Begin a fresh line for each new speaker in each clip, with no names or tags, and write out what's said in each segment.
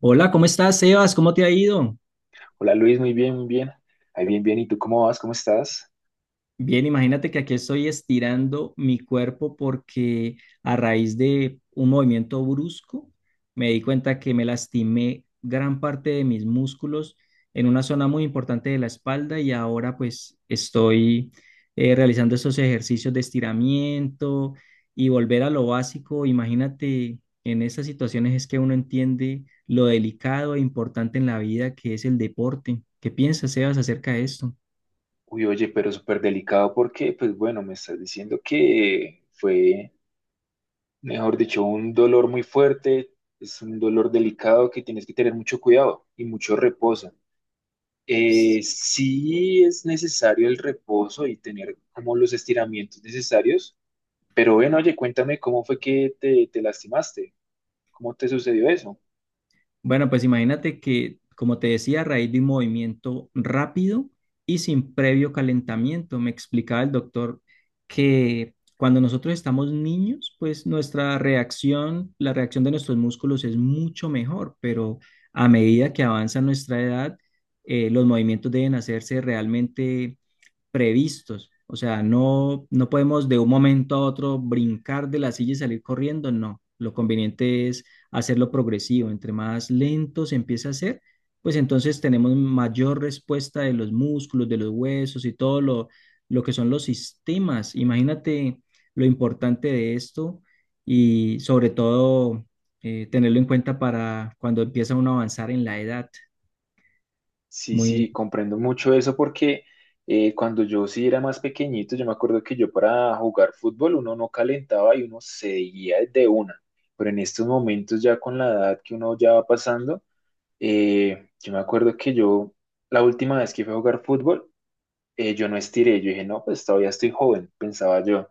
Hola, ¿cómo estás, Sebas? ¿Cómo te ha ido?
Hola Luis, muy bien, muy bien. Ahí bien, bien. ¿Y tú cómo vas? ¿Cómo estás?
Bien, imagínate que aquí estoy estirando mi cuerpo porque a raíz de un movimiento brusco me di cuenta que me lastimé gran parte de mis músculos en una zona muy importante de la espalda y ahora pues estoy realizando esos ejercicios de estiramiento y volver a lo básico. Imagínate, en esas situaciones es que uno entiende lo delicado e importante en la vida que es el deporte. ¿Qué piensas, Sebas, acerca de esto?
Uy, oye, pero súper delicado porque, pues bueno, me estás diciendo que fue, mejor dicho, un dolor muy fuerte, es un dolor delicado que tienes que tener mucho cuidado y mucho reposo. Sí es necesario el reposo y tener como los estiramientos necesarios, pero bueno, oye, cuéntame cómo fue que te lastimaste, cómo te sucedió eso.
Bueno, pues imagínate que, como te decía, a raíz de un movimiento rápido y sin previo calentamiento, me explicaba el doctor que cuando nosotros estamos niños, pues nuestra reacción, la reacción de nuestros músculos es mucho mejor, pero a medida que avanza nuestra edad, los movimientos deben hacerse realmente previstos. O sea, no, no podemos de un momento a otro brincar de la silla y salir corriendo, no. Lo conveniente es hacerlo progresivo. Entre más lento se empieza a hacer, pues entonces tenemos mayor respuesta de los músculos, de los huesos y todo lo que son los sistemas. Imagínate lo importante de esto y sobre todo tenerlo en cuenta para cuando empieza uno a avanzar en la edad.
Sí, sí,
Muy
comprendo mucho eso porque cuando yo sí era más pequeñito, yo me acuerdo que yo para jugar fútbol uno no calentaba y uno seguía de una, pero en estos momentos ya con la edad que uno ya va pasando, yo me acuerdo que yo la última vez que fui a jugar fútbol, yo no estiré, yo dije, no, pues todavía estoy joven, pensaba yo,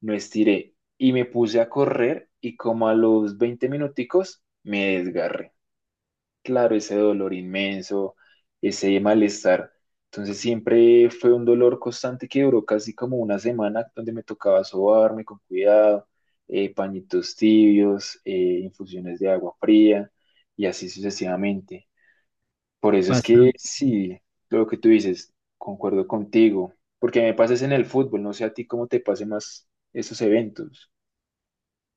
no estiré y me puse a correr y como a los 20 minuticos me desgarré, claro, ese dolor inmenso, ese malestar. Entonces siempre fue un dolor constante que duró casi como una semana donde me tocaba sobarme con cuidado, pañitos tibios, infusiones de agua fría y así sucesivamente. Por eso es que
bastante.
sí, lo que tú dices, concuerdo contigo, porque me pases en el fútbol, no sé a ti cómo te pase más esos eventos.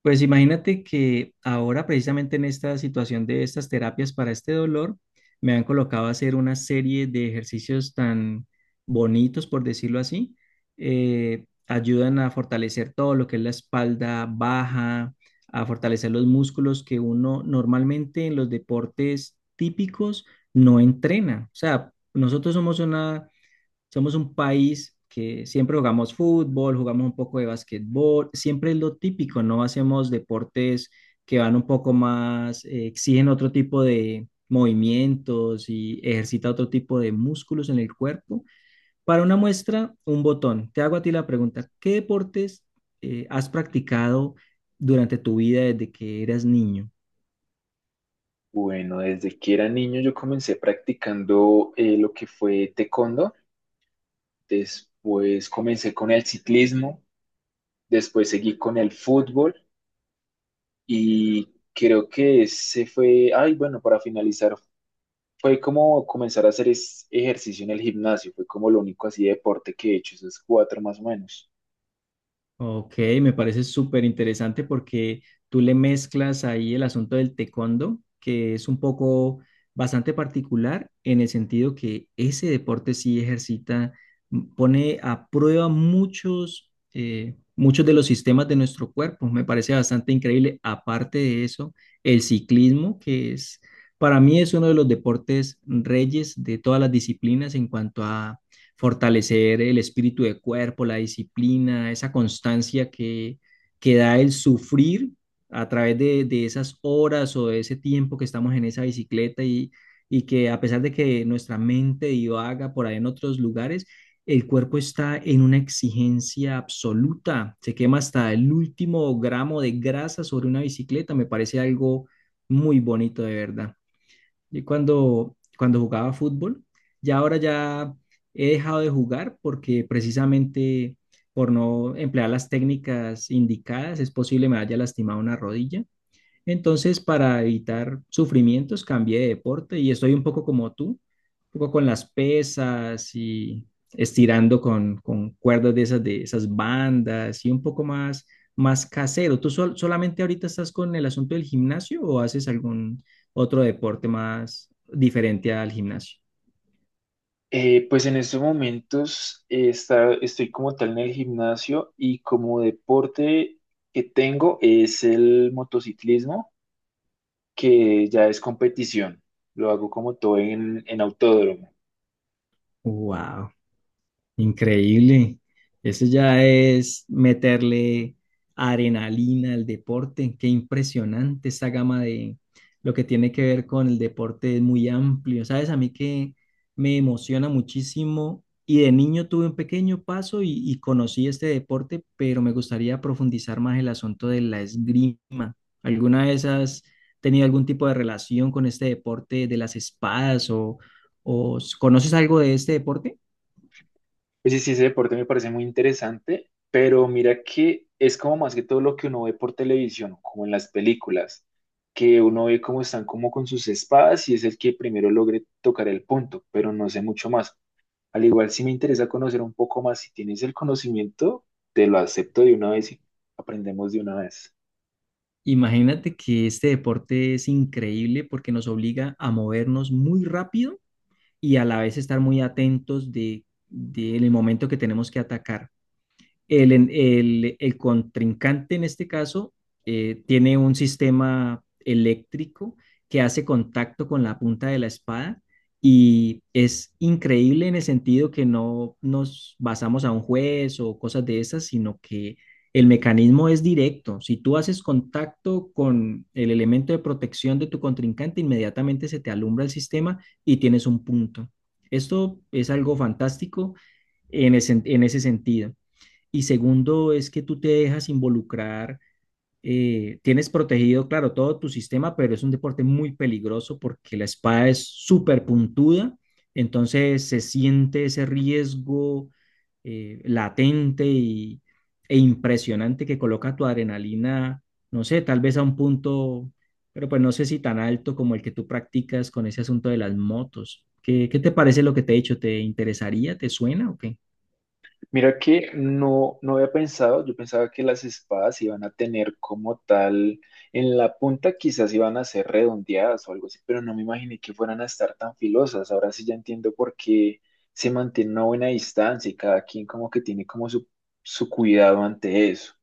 Pues imagínate que ahora precisamente en esta situación de estas terapias para este dolor, me han colocado a hacer una serie de ejercicios tan bonitos, por decirlo así. Ayudan a fortalecer todo lo que es la espalda baja, a fortalecer los músculos que uno normalmente en los deportes típicos no entrena. O sea, nosotros somos una somos un país que siempre jugamos fútbol, jugamos un poco de basquetbol, siempre es lo típico, no hacemos deportes que van un poco más, exigen otro tipo de movimientos y ejercita otro tipo de músculos en el cuerpo. Para una muestra, un botón. Te hago a ti la pregunta, ¿qué deportes has practicado durante tu vida desde que eras niño?
Bueno, desde que era niño yo comencé practicando lo que fue taekwondo, después comencé con el ciclismo, después seguí con el fútbol y creo que ese fue, ay, bueno, para finalizar, fue como comenzar a hacer ejercicio en el gimnasio, fue como lo único así de deporte que he hecho, esos cuatro más o menos.
Ok, me parece súper interesante porque tú le mezclas ahí el asunto del taekwondo, que es un poco bastante particular en el sentido que ese deporte sí ejercita, pone a prueba muchos, muchos de los sistemas de nuestro cuerpo. Me parece bastante increíble. Aparte de eso, el ciclismo, que es, para mí es uno de los deportes reyes de todas las disciplinas en cuanto a fortalecer el espíritu de cuerpo, la disciplina, esa constancia que da el sufrir a través de esas horas o de ese tiempo que estamos en esa bicicleta y que a pesar de que nuestra mente divaga por ahí en otros lugares, el cuerpo está en una exigencia absoluta, se quema hasta el último gramo de grasa sobre una bicicleta, me parece algo muy bonito de verdad. Y cuando jugaba fútbol, ya ahora ya he dejado de jugar porque precisamente por no emplear las técnicas indicadas es posible me haya lastimado una rodilla entonces, para evitar sufrimientos, cambié de deporte y estoy un poco como tú, un poco con las pesas y estirando con cuerdas de esas bandas y un poco más casero. ¿Tú solamente ahorita estás con el asunto del gimnasio o haces algún otro deporte más diferente al gimnasio?
Pues en estos momentos estoy como tal en el gimnasio y como deporte que tengo es el motociclismo, que ya es competición. Lo hago como todo en autódromo.
Wow. Increíble. Eso ya es meterle adrenalina al deporte. Qué impresionante esta gama de lo que tiene que ver con el deporte es muy amplio. Sabes, a mí que me emociona muchísimo y de niño tuve un pequeño paso y conocí este deporte, pero me gustaría profundizar más el asunto de la esgrima. ¿Alguna vez has tenido algún tipo de relación con este deporte de las espadas o conoces algo de este deporte?
Oye, sí, sí, ese deporte me parece muy interesante, pero mira que es como más que todo lo que uno ve por televisión, como en las películas, que uno ve cómo están como con sus espadas y es el que primero logre tocar el punto, pero no sé mucho más. Al igual, si me interesa conocer un poco más, si tienes el conocimiento, te lo acepto de una vez y aprendemos de una vez.
Imagínate que este deporte es increíble porque nos obliga a movernos muy rápido y a la vez estar muy atentos de en el momento que tenemos que atacar el contrincante en este caso tiene un sistema eléctrico que hace contacto con la punta de la espada y es increíble en el sentido que no nos basamos a un juez o cosas de esas, sino que el mecanismo es directo. Si tú haces contacto con el elemento de protección de tu contrincante, inmediatamente se te alumbra el sistema y tienes un punto. Esto es algo fantástico en en ese sentido. Y segundo, es que tú te dejas involucrar, tienes protegido, claro, todo tu sistema, pero es un deporte muy peligroso porque la espada es súper puntuda, entonces se siente ese riesgo latente y, e impresionante que coloca tu adrenalina, no sé, tal vez a un punto, pero pues no sé si tan alto como el que tú practicas con ese asunto de las motos. Qué te parece lo que te he dicho? ¿Te interesaría? ¿Te suena o qué?
Mira que no, no había pensado, yo pensaba que las espadas iban a tener como tal, en la punta quizás iban a ser redondeadas o algo así, pero no me imaginé que fueran a estar tan filosas. Ahora sí ya entiendo por qué se mantiene una buena distancia y cada quien como que tiene como su cuidado ante eso.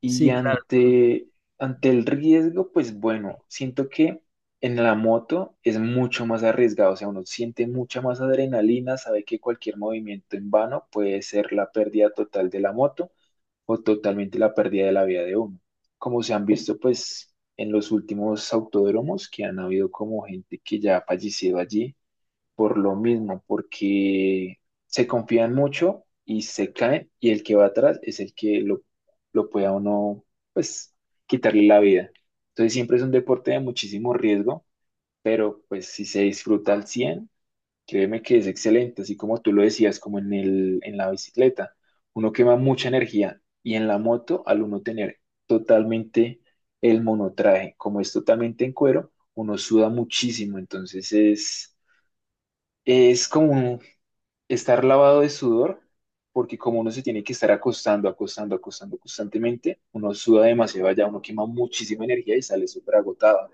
Y
Sí, claro.
ante, ante el riesgo, pues bueno, siento que en la moto es mucho más arriesgado, o sea, uno siente mucha más adrenalina, sabe que cualquier movimiento en vano puede ser la pérdida total de la moto o totalmente la pérdida de la vida de uno. Como se han visto, pues, en los últimos autódromos que han habido como gente que ya ha fallecido allí por lo mismo, porque se confían mucho y se caen y el que va atrás es el que lo pueda uno, pues, quitarle la vida. Entonces siempre es un deporte de muchísimo riesgo, pero pues si se disfruta al 100, créeme que es excelente, así como tú lo decías, como en la bicicleta, uno quema mucha energía y en la moto al uno tener totalmente el monotraje, como es totalmente en cuero, uno suda muchísimo, entonces es... Es como estar lavado de sudor, porque como uno se tiene que estar acostando, acostando, acostando constantemente, uno suda demasiado allá, uno quema muchísima energía y sale súper agotado.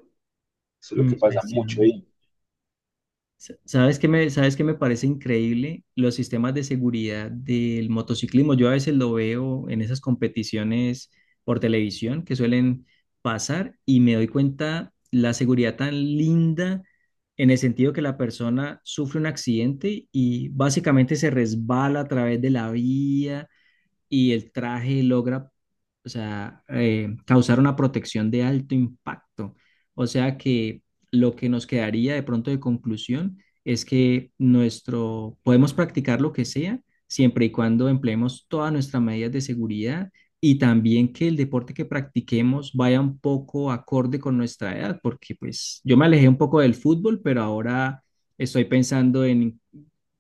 Eso es lo que pasa mucho
Impresionante.
ahí.
¿Sabes qué sabes qué me parece increíble? Los sistemas de seguridad del motociclismo. Yo a veces lo veo en esas competiciones por televisión que suelen pasar y me doy cuenta la seguridad tan linda en el sentido que la persona sufre un accidente y básicamente se resbala a través de la vía y el traje logra, o sea, causar una protección de alto impacto. O sea que lo que nos quedaría de pronto de conclusión es que nuestro, podemos practicar lo que sea siempre y cuando empleemos todas nuestras medidas de seguridad y también que el deporte que practiquemos vaya un poco acorde con nuestra edad, porque pues yo me alejé un poco del fútbol, pero ahora estoy pensando en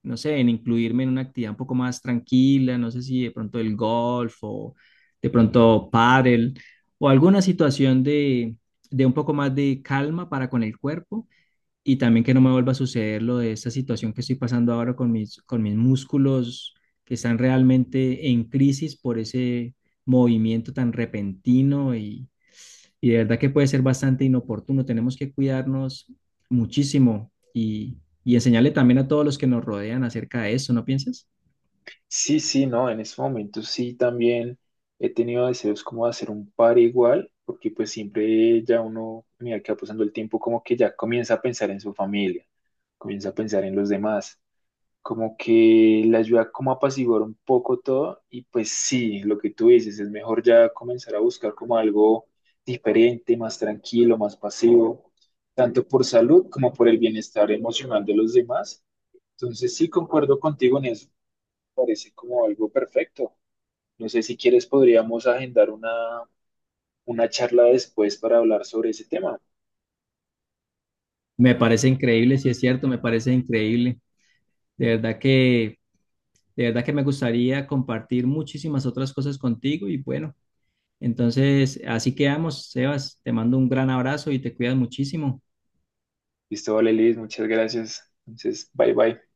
no sé, en incluirme en una actividad un poco más tranquila, no sé si de pronto el golf o de pronto pádel o alguna situación de un poco más de calma para con el cuerpo y también que no me vuelva a suceder lo de esta situación que estoy pasando ahora con con mis músculos que están realmente en crisis por ese movimiento tan repentino y de verdad que puede ser bastante inoportuno. Tenemos que cuidarnos muchísimo y enseñarle también a todos los que nos rodean acerca de eso, ¿no piensas?
Sí, sí, no, en este momento sí también he tenido deseos como de hacer un par igual, porque pues siempre ya uno, mira que va pasando el tiempo, como que ya comienza a pensar en su familia, comienza a pensar en los demás. Como que le ayuda como a apaciguar un poco todo y pues sí, lo que tú dices, es mejor ya comenzar a buscar como algo diferente, más tranquilo, más pasivo, tanto por salud como por el bienestar emocional de los demás. Entonces sí, concuerdo contigo en eso, parece como algo perfecto. No sé si quieres, podríamos agendar una charla después para hablar sobre ese tema.
Me parece increíble, si es cierto, me parece increíble. De verdad de verdad que me gustaría compartir muchísimas otras cosas contigo y bueno, entonces así quedamos, Sebas. Te mando un gran abrazo y te cuidas muchísimo.
Listo, vale, Liz, muchas gracias. Entonces, bye bye.